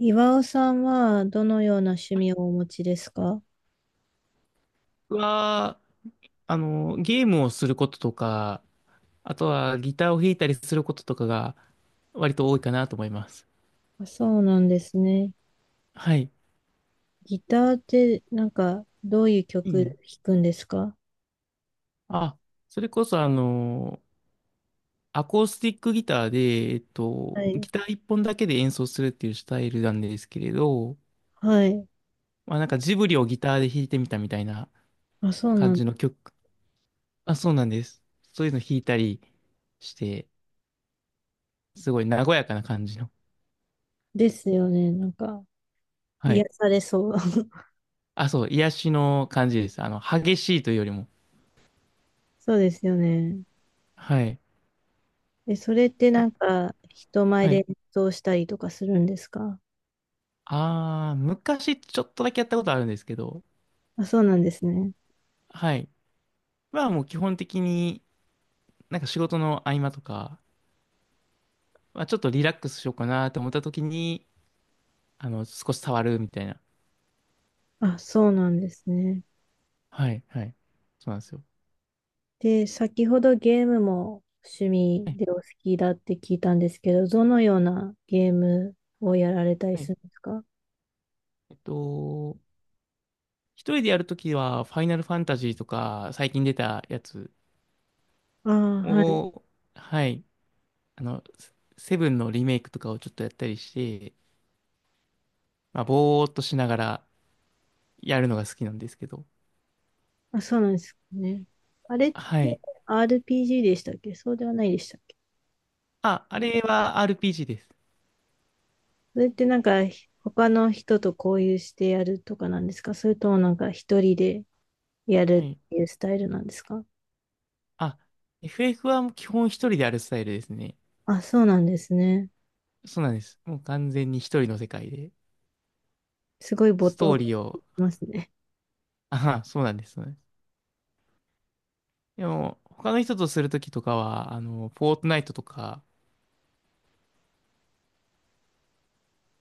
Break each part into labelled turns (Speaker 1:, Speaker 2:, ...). Speaker 1: 岩尾さんはどのような趣味をお持ちですか？
Speaker 2: 僕は、ゲームをすることとか、あとはギターを弾いたりすることとかが割と多いかなと思います。
Speaker 1: あ、そうなんですね。
Speaker 2: はい。
Speaker 1: ギターってどういう
Speaker 2: う
Speaker 1: 曲弾
Speaker 2: ん。
Speaker 1: くんですか？
Speaker 2: あ、それこそアコースティックギターで、
Speaker 1: は
Speaker 2: ギ
Speaker 1: い。
Speaker 2: ター一本だけで演奏するっていうスタイルなんですけれど、
Speaker 1: はい。
Speaker 2: まあなんかジブリをギターで弾いてみたみたいな
Speaker 1: あ、そう
Speaker 2: 感
Speaker 1: なん
Speaker 2: じの曲。あ、そうなんです。そういうの弾いたりして、すごい和やかな感じの。
Speaker 1: ですよね。
Speaker 2: は
Speaker 1: 癒
Speaker 2: い。
Speaker 1: されそう。
Speaker 2: あ、そう、癒しの感じです。激しいというよりも。
Speaker 1: そうですよね。
Speaker 2: はい。
Speaker 1: え、それって人前
Speaker 2: はい。
Speaker 1: で演奏したりとかするんですか？
Speaker 2: ああ、昔ちょっとだけやったことあるんですけど、
Speaker 1: あ、そうなんですね。
Speaker 2: はい。まあもう基本的になんか仕事の合間とか、まあちょっとリラックスしようかなと思った時に、少し触るみたいな。
Speaker 1: あ、そうなんですね。
Speaker 2: はい、はい。そうなんですよ。
Speaker 1: で、先ほどゲームも趣
Speaker 2: は
Speaker 1: 味
Speaker 2: い、
Speaker 1: でお好きだって聞いたんですけど、どのようなゲームをやられたり
Speaker 2: はい。
Speaker 1: するんですか？
Speaker 2: えっと、一人でやるときは、ファイナルファンタジーとか、最近出たやつ
Speaker 1: ああ、はい。
Speaker 2: を、はい。あの、セセブンのリメイクとかをちょっとやったりして、まあぼーっとしながらやるのが好きなんですけど、
Speaker 1: あ、そうなんですね。あれって
Speaker 2: はい。
Speaker 1: RPG でしたっけ？そうではないでしたっけ？
Speaker 2: あ、あれは RPG です。
Speaker 1: それって他の人と交流してやるとかなんですか？それとも一人でや
Speaker 2: は
Speaker 1: る
Speaker 2: い。
Speaker 1: っていうスタイルなんですか？
Speaker 2: あ、FF はもう基本一人でやるスタイルですね。
Speaker 1: あ、そうなんですね。
Speaker 2: そうなんです。もう完全に一人の世界で、
Speaker 1: すごい没
Speaker 2: ス
Speaker 1: 頭
Speaker 2: トー
Speaker 1: で
Speaker 2: リー
Speaker 1: き
Speaker 2: を、
Speaker 1: ますね。
Speaker 2: あは、そうなんです。そうなんです。でも、他の人とするときとかは、フォートナイトとか、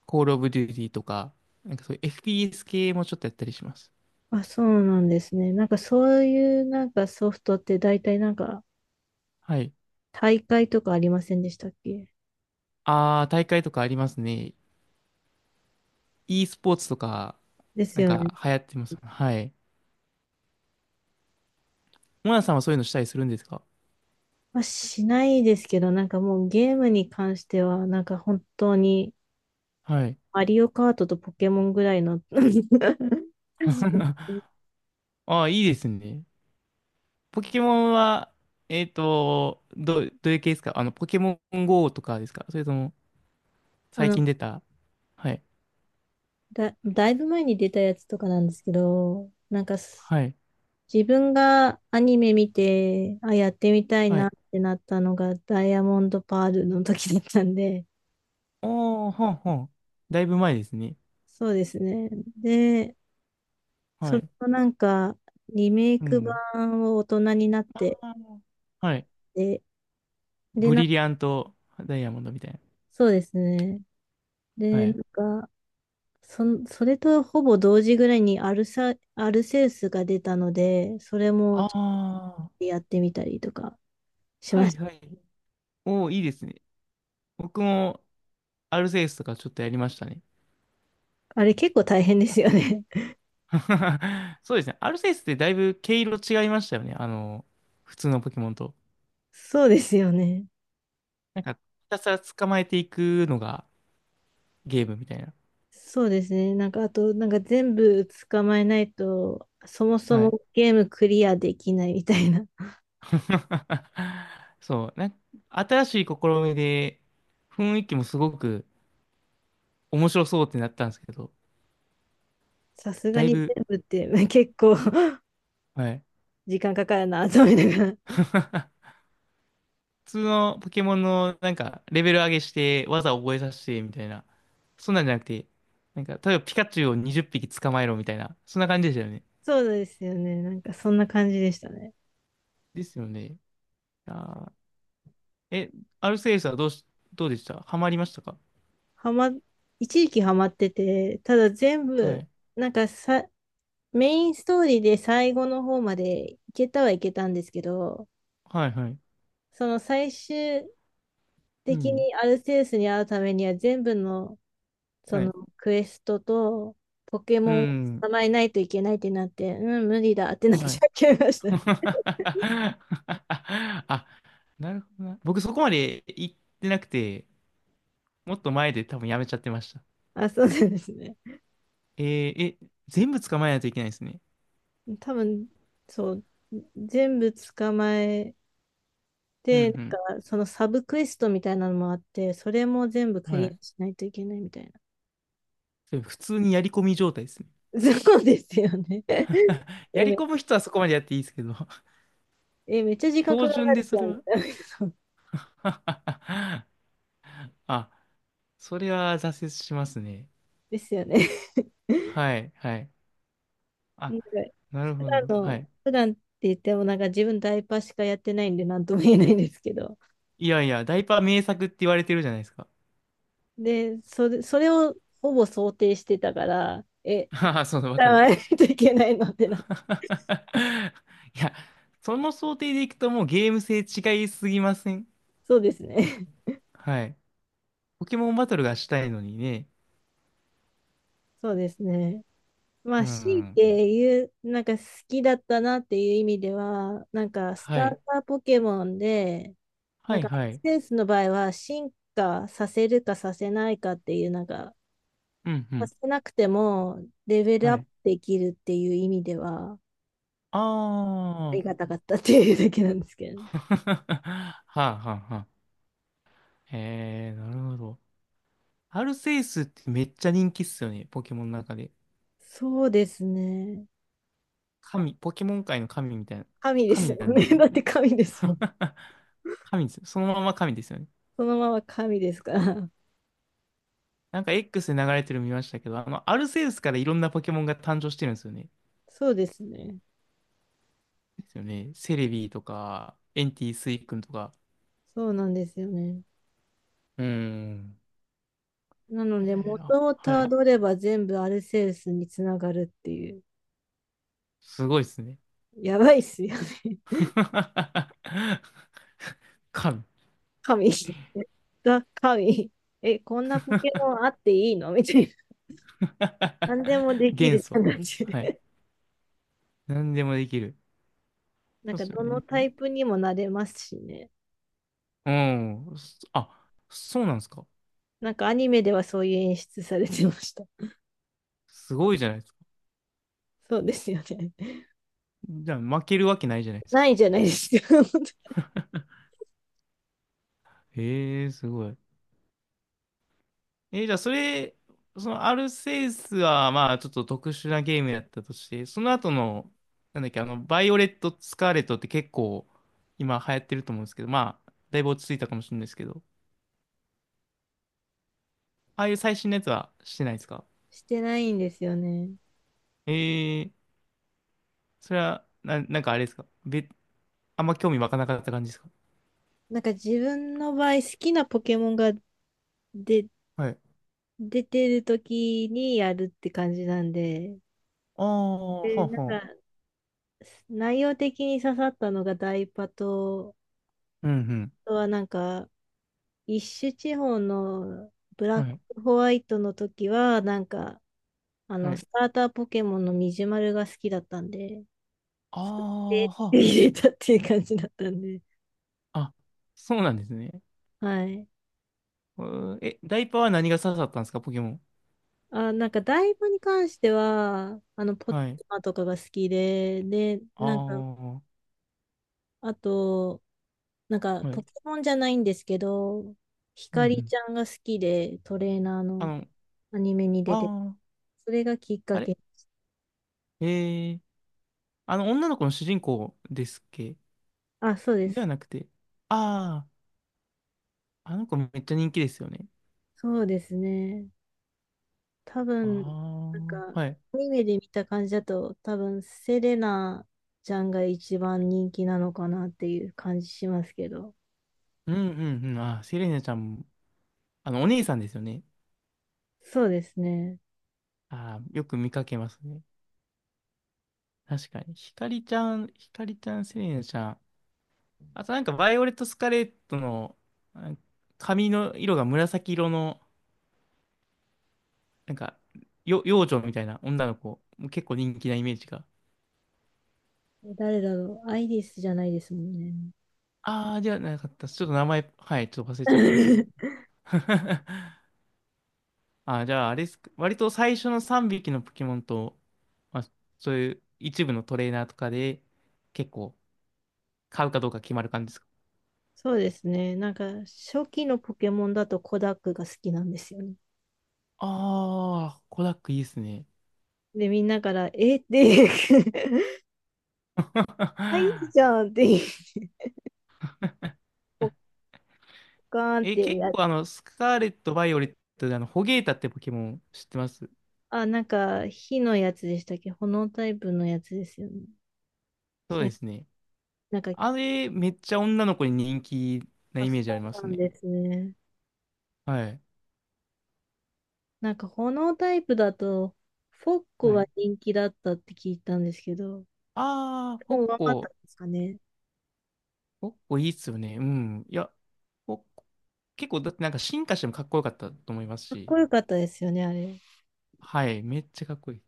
Speaker 2: コールオブデューティーとか、なんかそういう FPS 系もちょっとやったりします。
Speaker 1: あ、そうなんですね。そういうソフトって大体
Speaker 2: はい。
Speaker 1: 大会とかありませんでしたっけ？
Speaker 2: あー、大会とかありますね。e スポーツとか、
Speaker 1: です
Speaker 2: なん
Speaker 1: よね。
Speaker 2: か流行ってます。はい。モナさんはそういうのしたりするんですか？
Speaker 1: まあ、しないですけど、もうゲームに関しては、本当に、
Speaker 2: はい。
Speaker 1: マリオカートとポケモンぐらいの。
Speaker 2: あー、いいですね。ポケモンは、どういう系ですか？ポケモン GO とかですか？それとも、
Speaker 1: あ
Speaker 2: 最
Speaker 1: の、
Speaker 2: 近出た。はい。
Speaker 1: だいぶ前に出たやつとかなんですけど、なんかす
Speaker 2: はい。
Speaker 1: 自分がアニメ見て、あ、やってみたい
Speaker 2: は
Speaker 1: なっ
Speaker 2: い。
Speaker 1: てなったのがダイヤモンドパールの時だったんで、
Speaker 2: おー、ほんほん。だいぶ前ですね。
Speaker 1: そうですね。で、そ
Speaker 2: は
Speaker 1: れ
Speaker 2: い。
Speaker 1: のリメイ
Speaker 2: う
Speaker 1: ク
Speaker 2: ん。
Speaker 1: 版を大人になっ
Speaker 2: あ
Speaker 1: て、
Speaker 2: ーはい。
Speaker 1: で、で、
Speaker 2: ブ
Speaker 1: な、
Speaker 2: リリアントダイヤモンドみたい
Speaker 1: そうですね。
Speaker 2: な。は
Speaker 1: で、な
Speaker 2: い。
Speaker 1: んか、それとほぼ同時ぐらいにアルセウスが出たので、それもちょっ
Speaker 2: ああ
Speaker 1: とやってみたりとかし
Speaker 2: は
Speaker 1: ま
Speaker 2: い
Speaker 1: した。
Speaker 2: はい。おー、いいですね。僕も、アルセウスとかちょっとやりましたね。
Speaker 1: あれ結構大変ですよね。
Speaker 2: そうですね。アルセウスってだいぶ毛色違いましたよね。普通のポケモンと。
Speaker 1: そうですよね。
Speaker 2: なんか、ひたすら捕まえていくのがゲームみたいな。
Speaker 1: そうですね。なんか、あと、なんか全部捕まえないと、そもそ
Speaker 2: はい。
Speaker 1: もゲームクリアできないみたいな。
Speaker 2: そう、なんか新しい試みで、雰囲気もすごく面白そうってなったんですけど、
Speaker 1: さすが
Speaker 2: だい
Speaker 1: に
Speaker 2: ぶ、
Speaker 1: 全部ってまあ結構
Speaker 2: はい。
Speaker 1: 時間かかるなと思いながら。
Speaker 2: 普通のポケモンのなんかレベル上げして技を覚えさせてみたいな、そんなんじゃなくて、なんか例えばピカチュウを20匹捕まえろみたいな、そんな感じでしたよね。
Speaker 1: そうですよね。なんかそんな感じでしたね。
Speaker 2: ですよね。あー、え、アルセウスはどうでした？ハマりましたか？
Speaker 1: はま、一時期ハマってて、ただ全
Speaker 2: は
Speaker 1: 部、
Speaker 2: い。
Speaker 1: なんかさ、メインストーリーで最後の方までいけたはいけたんですけど、
Speaker 2: はいはい。
Speaker 1: その最終
Speaker 2: う
Speaker 1: 的
Speaker 2: ん。
Speaker 1: にアルセウスに会うためには全部のそ
Speaker 2: は
Speaker 1: の
Speaker 2: い
Speaker 1: クエストとポケ
Speaker 2: う
Speaker 1: モンを
Speaker 2: ん。
Speaker 1: 捕まえないといけないってなって、うん、無理だってなっ
Speaker 2: はい。
Speaker 1: ちゃいました。
Speaker 2: あ、なるほどな。僕そこまで行ってなくて、もっと前で多分やめちゃってました。
Speaker 1: あ、そうなんですね。
Speaker 2: え、全部捕まえないといけないですね。
Speaker 1: 多分、そう、全部捕まえ
Speaker 2: う
Speaker 1: で、
Speaker 2: ん
Speaker 1: なんか、そのサブクエストみたいなのもあって、それも全部
Speaker 2: うん。
Speaker 1: ク
Speaker 2: は
Speaker 1: リ
Speaker 2: い。
Speaker 1: アしないといけないみたいな。
Speaker 2: で普通にやり込み状態ですね。
Speaker 1: そうですよね。
Speaker 2: や
Speaker 1: え、
Speaker 2: り
Speaker 1: め、
Speaker 2: 込む人はそこまでやっていいですけど、
Speaker 1: え、めっちゃ 時間か
Speaker 2: 標
Speaker 1: か
Speaker 2: 準で
Speaker 1: るじ
Speaker 2: そ
Speaker 1: ゃ
Speaker 2: れ
Speaker 1: んみ
Speaker 2: は
Speaker 1: たいな。そう
Speaker 2: あ、それは挫折しますね。
Speaker 1: ですよね。
Speaker 2: はい、はい。あ、なるほ
Speaker 1: なんか、
Speaker 2: ど。はい。
Speaker 1: 普段って言っても、なんか自分ダイパーしかやってないんで、なんとも言えないんですけど。
Speaker 2: いやいや、ダイパー名作って言われてるじゃないですか。
Speaker 1: で、それをほぼ想定してたから、え、
Speaker 2: ああ、そうだ、わ
Speaker 1: 使
Speaker 2: か
Speaker 1: わ
Speaker 2: る。
Speaker 1: ないといけないのってな。
Speaker 2: いや、その想定でいくともうゲーム性違いすぎません？
Speaker 1: そうですね。
Speaker 2: はい。ポケモンバトルがしたいのにね。
Speaker 1: そうですね。ま
Speaker 2: う
Speaker 1: あ、強い
Speaker 2: ん。
Speaker 1: て言う、なんか好きだったなっていう意味では、なんかス
Speaker 2: は
Speaker 1: ター
Speaker 2: い。
Speaker 1: ターポケモンで、
Speaker 2: は
Speaker 1: なん
Speaker 2: い、
Speaker 1: かアク
Speaker 2: はい。
Speaker 1: センスの場合は進化させるかさせないかっていう、なんか、
Speaker 2: うん、う
Speaker 1: さ
Speaker 2: ん。
Speaker 1: せなくてもレベル
Speaker 2: は
Speaker 1: アップ
Speaker 2: い。
Speaker 1: できるっていう意味では、あ
Speaker 2: あ
Speaker 1: りが
Speaker 2: あ。
Speaker 1: たかったっていうだけなんですけど。
Speaker 2: はあ、はあ、はあ。へえ、なるほど。アルセウスってめっちゃ人気っすよね、ポケモンの中で。
Speaker 1: そうですね。
Speaker 2: 神、ポケモン界の神みたいな。
Speaker 1: 神です
Speaker 2: 神
Speaker 1: も
Speaker 2: なん
Speaker 1: ん
Speaker 2: で
Speaker 1: ね。
Speaker 2: す よね。
Speaker 1: だって神ですもん。
Speaker 2: 神ですよ。そのまま神ですよね。
Speaker 1: そのまま神ですから。
Speaker 2: なんか X で流れてるの見ましたけど、アルセウスからいろんなポケモンが誕生してるんですよね。
Speaker 1: そうですね。
Speaker 2: ですよね。セレビーとか、エンティスイ君とか。
Speaker 1: そうなんですよね。
Speaker 2: うん。
Speaker 1: なので、
Speaker 2: あ、
Speaker 1: 元を
Speaker 2: は
Speaker 1: た
Speaker 2: い。
Speaker 1: どれば全部アルセウスにつながるっていう。
Speaker 2: すごいですね。
Speaker 1: やばいっすよね。
Speaker 2: 神。
Speaker 1: 神。ザ・神。え、こんなポケモンあっていいの？ みたいな。何でもでき
Speaker 2: 元
Speaker 1: る
Speaker 2: 素。
Speaker 1: 感じで。
Speaker 2: はい。何でもできる。
Speaker 1: なん
Speaker 2: そう
Speaker 1: か、
Speaker 2: ですよ
Speaker 1: どのタ
Speaker 2: ね。
Speaker 1: イプにもなれますしね。
Speaker 2: うん。そうなんですか？
Speaker 1: なんか、アニメではそういう演出されてました。
Speaker 2: すごいじゃないですか。
Speaker 1: そうですよね。
Speaker 2: じゃあ負けるわけないじゃないで すか。
Speaker 1: ないじゃないですか。
Speaker 2: へえ、すごい。じゃあそのアルセウスはまあちょっと特殊なゲームやったとして、その後の、なんだっけ、バイオレット・スカーレットって結構今流行ってると思うんですけど、まあ、だいぶ落ち着いたかもしれないですけど、ああいう最新のやつはしてないですか？
Speaker 1: してないんですよね。
Speaker 2: えー、それは、なんかあれですか？あんま興味湧かなかった感じですか？
Speaker 1: なんか、自分の場合、好きなポケモンがで
Speaker 2: はい。
Speaker 1: 出てる時にやるって感じなんで、
Speaker 2: ああ、は
Speaker 1: で、
Speaker 2: あ
Speaker 1: なん
Speaker 2: は
Speaker 1: か、
Speaker 2: あ。
Speaker 1: 内容的に刺さったのがダイパと、
Speaker 2: うん
Speaker 1: あとはなんか、一種地方のブ
Speaker 2: う
Speaker 1: ラ
Speaker 2: ん。
Speaker 1: ッ
Speaker 2: はい。
Speaker 1: クホワイトの時は、なんか、あ
Speaker 2: は
Speaker 1: の、
Speaker 2: い。
Speaker 1: スターターポケモンのミジュマルが好きだったんで、
Speaker 2: あ
Speaker 1: そ
Speaker 2: あ、
Speaker 1: れ
Speaker 2: は
Speaker 1: で
Speaker 2: あは
Speaker 1: 入れたっていう感じだったんで、
Speaker 2: あ。あ、そうなんですね。
Speaker 1: はい。
Speaker 2: え、ダイパーは何が刺さったんですか、ポケモン。
Speaker 1: あ、なんか、ダイパに関しては、あの、ポッ
Speaker 2: はい。
Speaker 1: マとかが好きで、で、
Speaker 2: あ
Speaker 1: なんか、
Speaker 2: あ、は
Speaker 1: あと、なんか、
Speaker 2: い。う
Speaker 1: ポ
Speaker 2: ん
Speaker 1: ケモンじゃないんですけど、ひ
Speaker 2: う
Speaker 1: かり
Speaker 2: ん。
Speaker 1: ちゃんが好きで、トレーナー
Speaker 2: あ
Speaker 1: の。
Speaker 2: の、あ
Speaker 1: アニメに出て、
Speaker 2: あ、
Speaker 1: それがきっ
Speaker 2: あ
Speaker 1: か
Speaker 2: れ
Speaker 1: け。
Speaker 2: ええー、女の子の主人公ですっけ？
Speaker 1: あ、そうで
Speaker 2: で
Speaker 1: す。
Speaker 2: はなくて、ああ、あの子めっちゃ人気ですよね。
Speaker 1: そうですね。多
Speaker 2: あ
Speaker 1: 分、なんか、
Speaker 2: あ、はい。
Speaker 1: アニメで見た感じだと、多分、セレナちゃんが一番人気なのかなっていう感じしますけど。
Speaker 2: うんうんうん。あー、セレーナちゃんも、お姉さんですよね。
Speaker 1: そうですね。
Speaker 2: ああ、よく見かけますね。確かに。ひかりちゃん、ひかりちゃん、セレーナちゃん。あとなんか、バイオレット・スカレットの、あ、髪の色が紫色の、なんか、幼女みたいな女の子、結構人気なイメージが。
Speaker 1: え、誰だろう。アイリスじゃないですもんね。
Speaker 2: ああ、じゃあなかったです。ちょっと名前、はい、ちょっと忘れちゃったんですけど。ああ、じゃあ、あれですか。割と最初の3匹のポケモンと、まあ、そういう一部のトレーナーとかで、結構買うかどうか決まる感じですか？
Speaker 1: そうですね。なんか、初期のポケモンだとコダックが好きなんですよね。
Speaker 2: ああー、コダックいいですね。
Speaker 1: で、みんなから、えって、アイリス じゃんって、ポッカーンっ
Speaker 2: え、
Speaker 1: て
Speaker 2: 結
Speaker 1: や
Speaker 2: 構スカーレット、バイオレットでホゲータってポケモン知ってます？
Speaker 1: あ、なんか、火のやつでしたっけ？炎タイプのやつですよね。
Speaker 2: そう
Speaker 1: 違
Speaker 2: で
Speaker 1: う。
Speaker 2: すね。
Speaker 1: なんか、
Speaker 2: あれ、めっちゃ女の子に人気な
Speaker 1: あ、
Speaker 2: イ
Speaker 1: そ
Speaker 2: メージありま
Speaker 1: う
Speaker 2: す
Speaker 1: なん
Speaker 2: ね。
Speaker 1: ですね。
Speaker 2: はい。
Speaker 1: なんか、炎タイプだと、フォッコ
Speaker 2: は
Speaker 1: は
Speaker 2: い。
Speaker 1: 人気だったって聞いたんですけど、
Speaker 2: ああ、
Speaker 1: で
Speaker 2: ポッ
Speaker 1: も上回ったん
Speaker 2: コ。
Speaker 1: ですかね。
Speaker 2: ポッコいいっすよね。うん。いや、ポッコ結構、だってなんか進化してもかっこよかったと思います
Speaker 1: かっこ
Speaker 2: し。
Speaker 1: よかったですよね、あれ。
Speaker 2: はい。めっちゃかっこいい。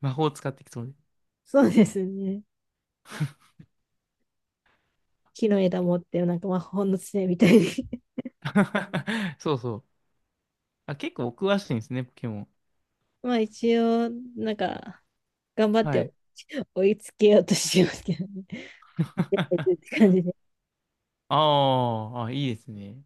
Speaker 2: 魔法使ってきそうで。
Speaker 1: そうですね。木の枝持って、なんか魔法の杖みたいに。
Speaker 2: そうそう。あ、結構お詳しいんですね、ポケモン。
Speaker 1: まあ、一応、なんか、頑張っ
Speaker 2: は
Speaker 1: て
Speaker 2: い。
Speaker 1: 追いつけようとしますけどね。やってるっ て感じで。
Speaker 2: あーあ、いいですね。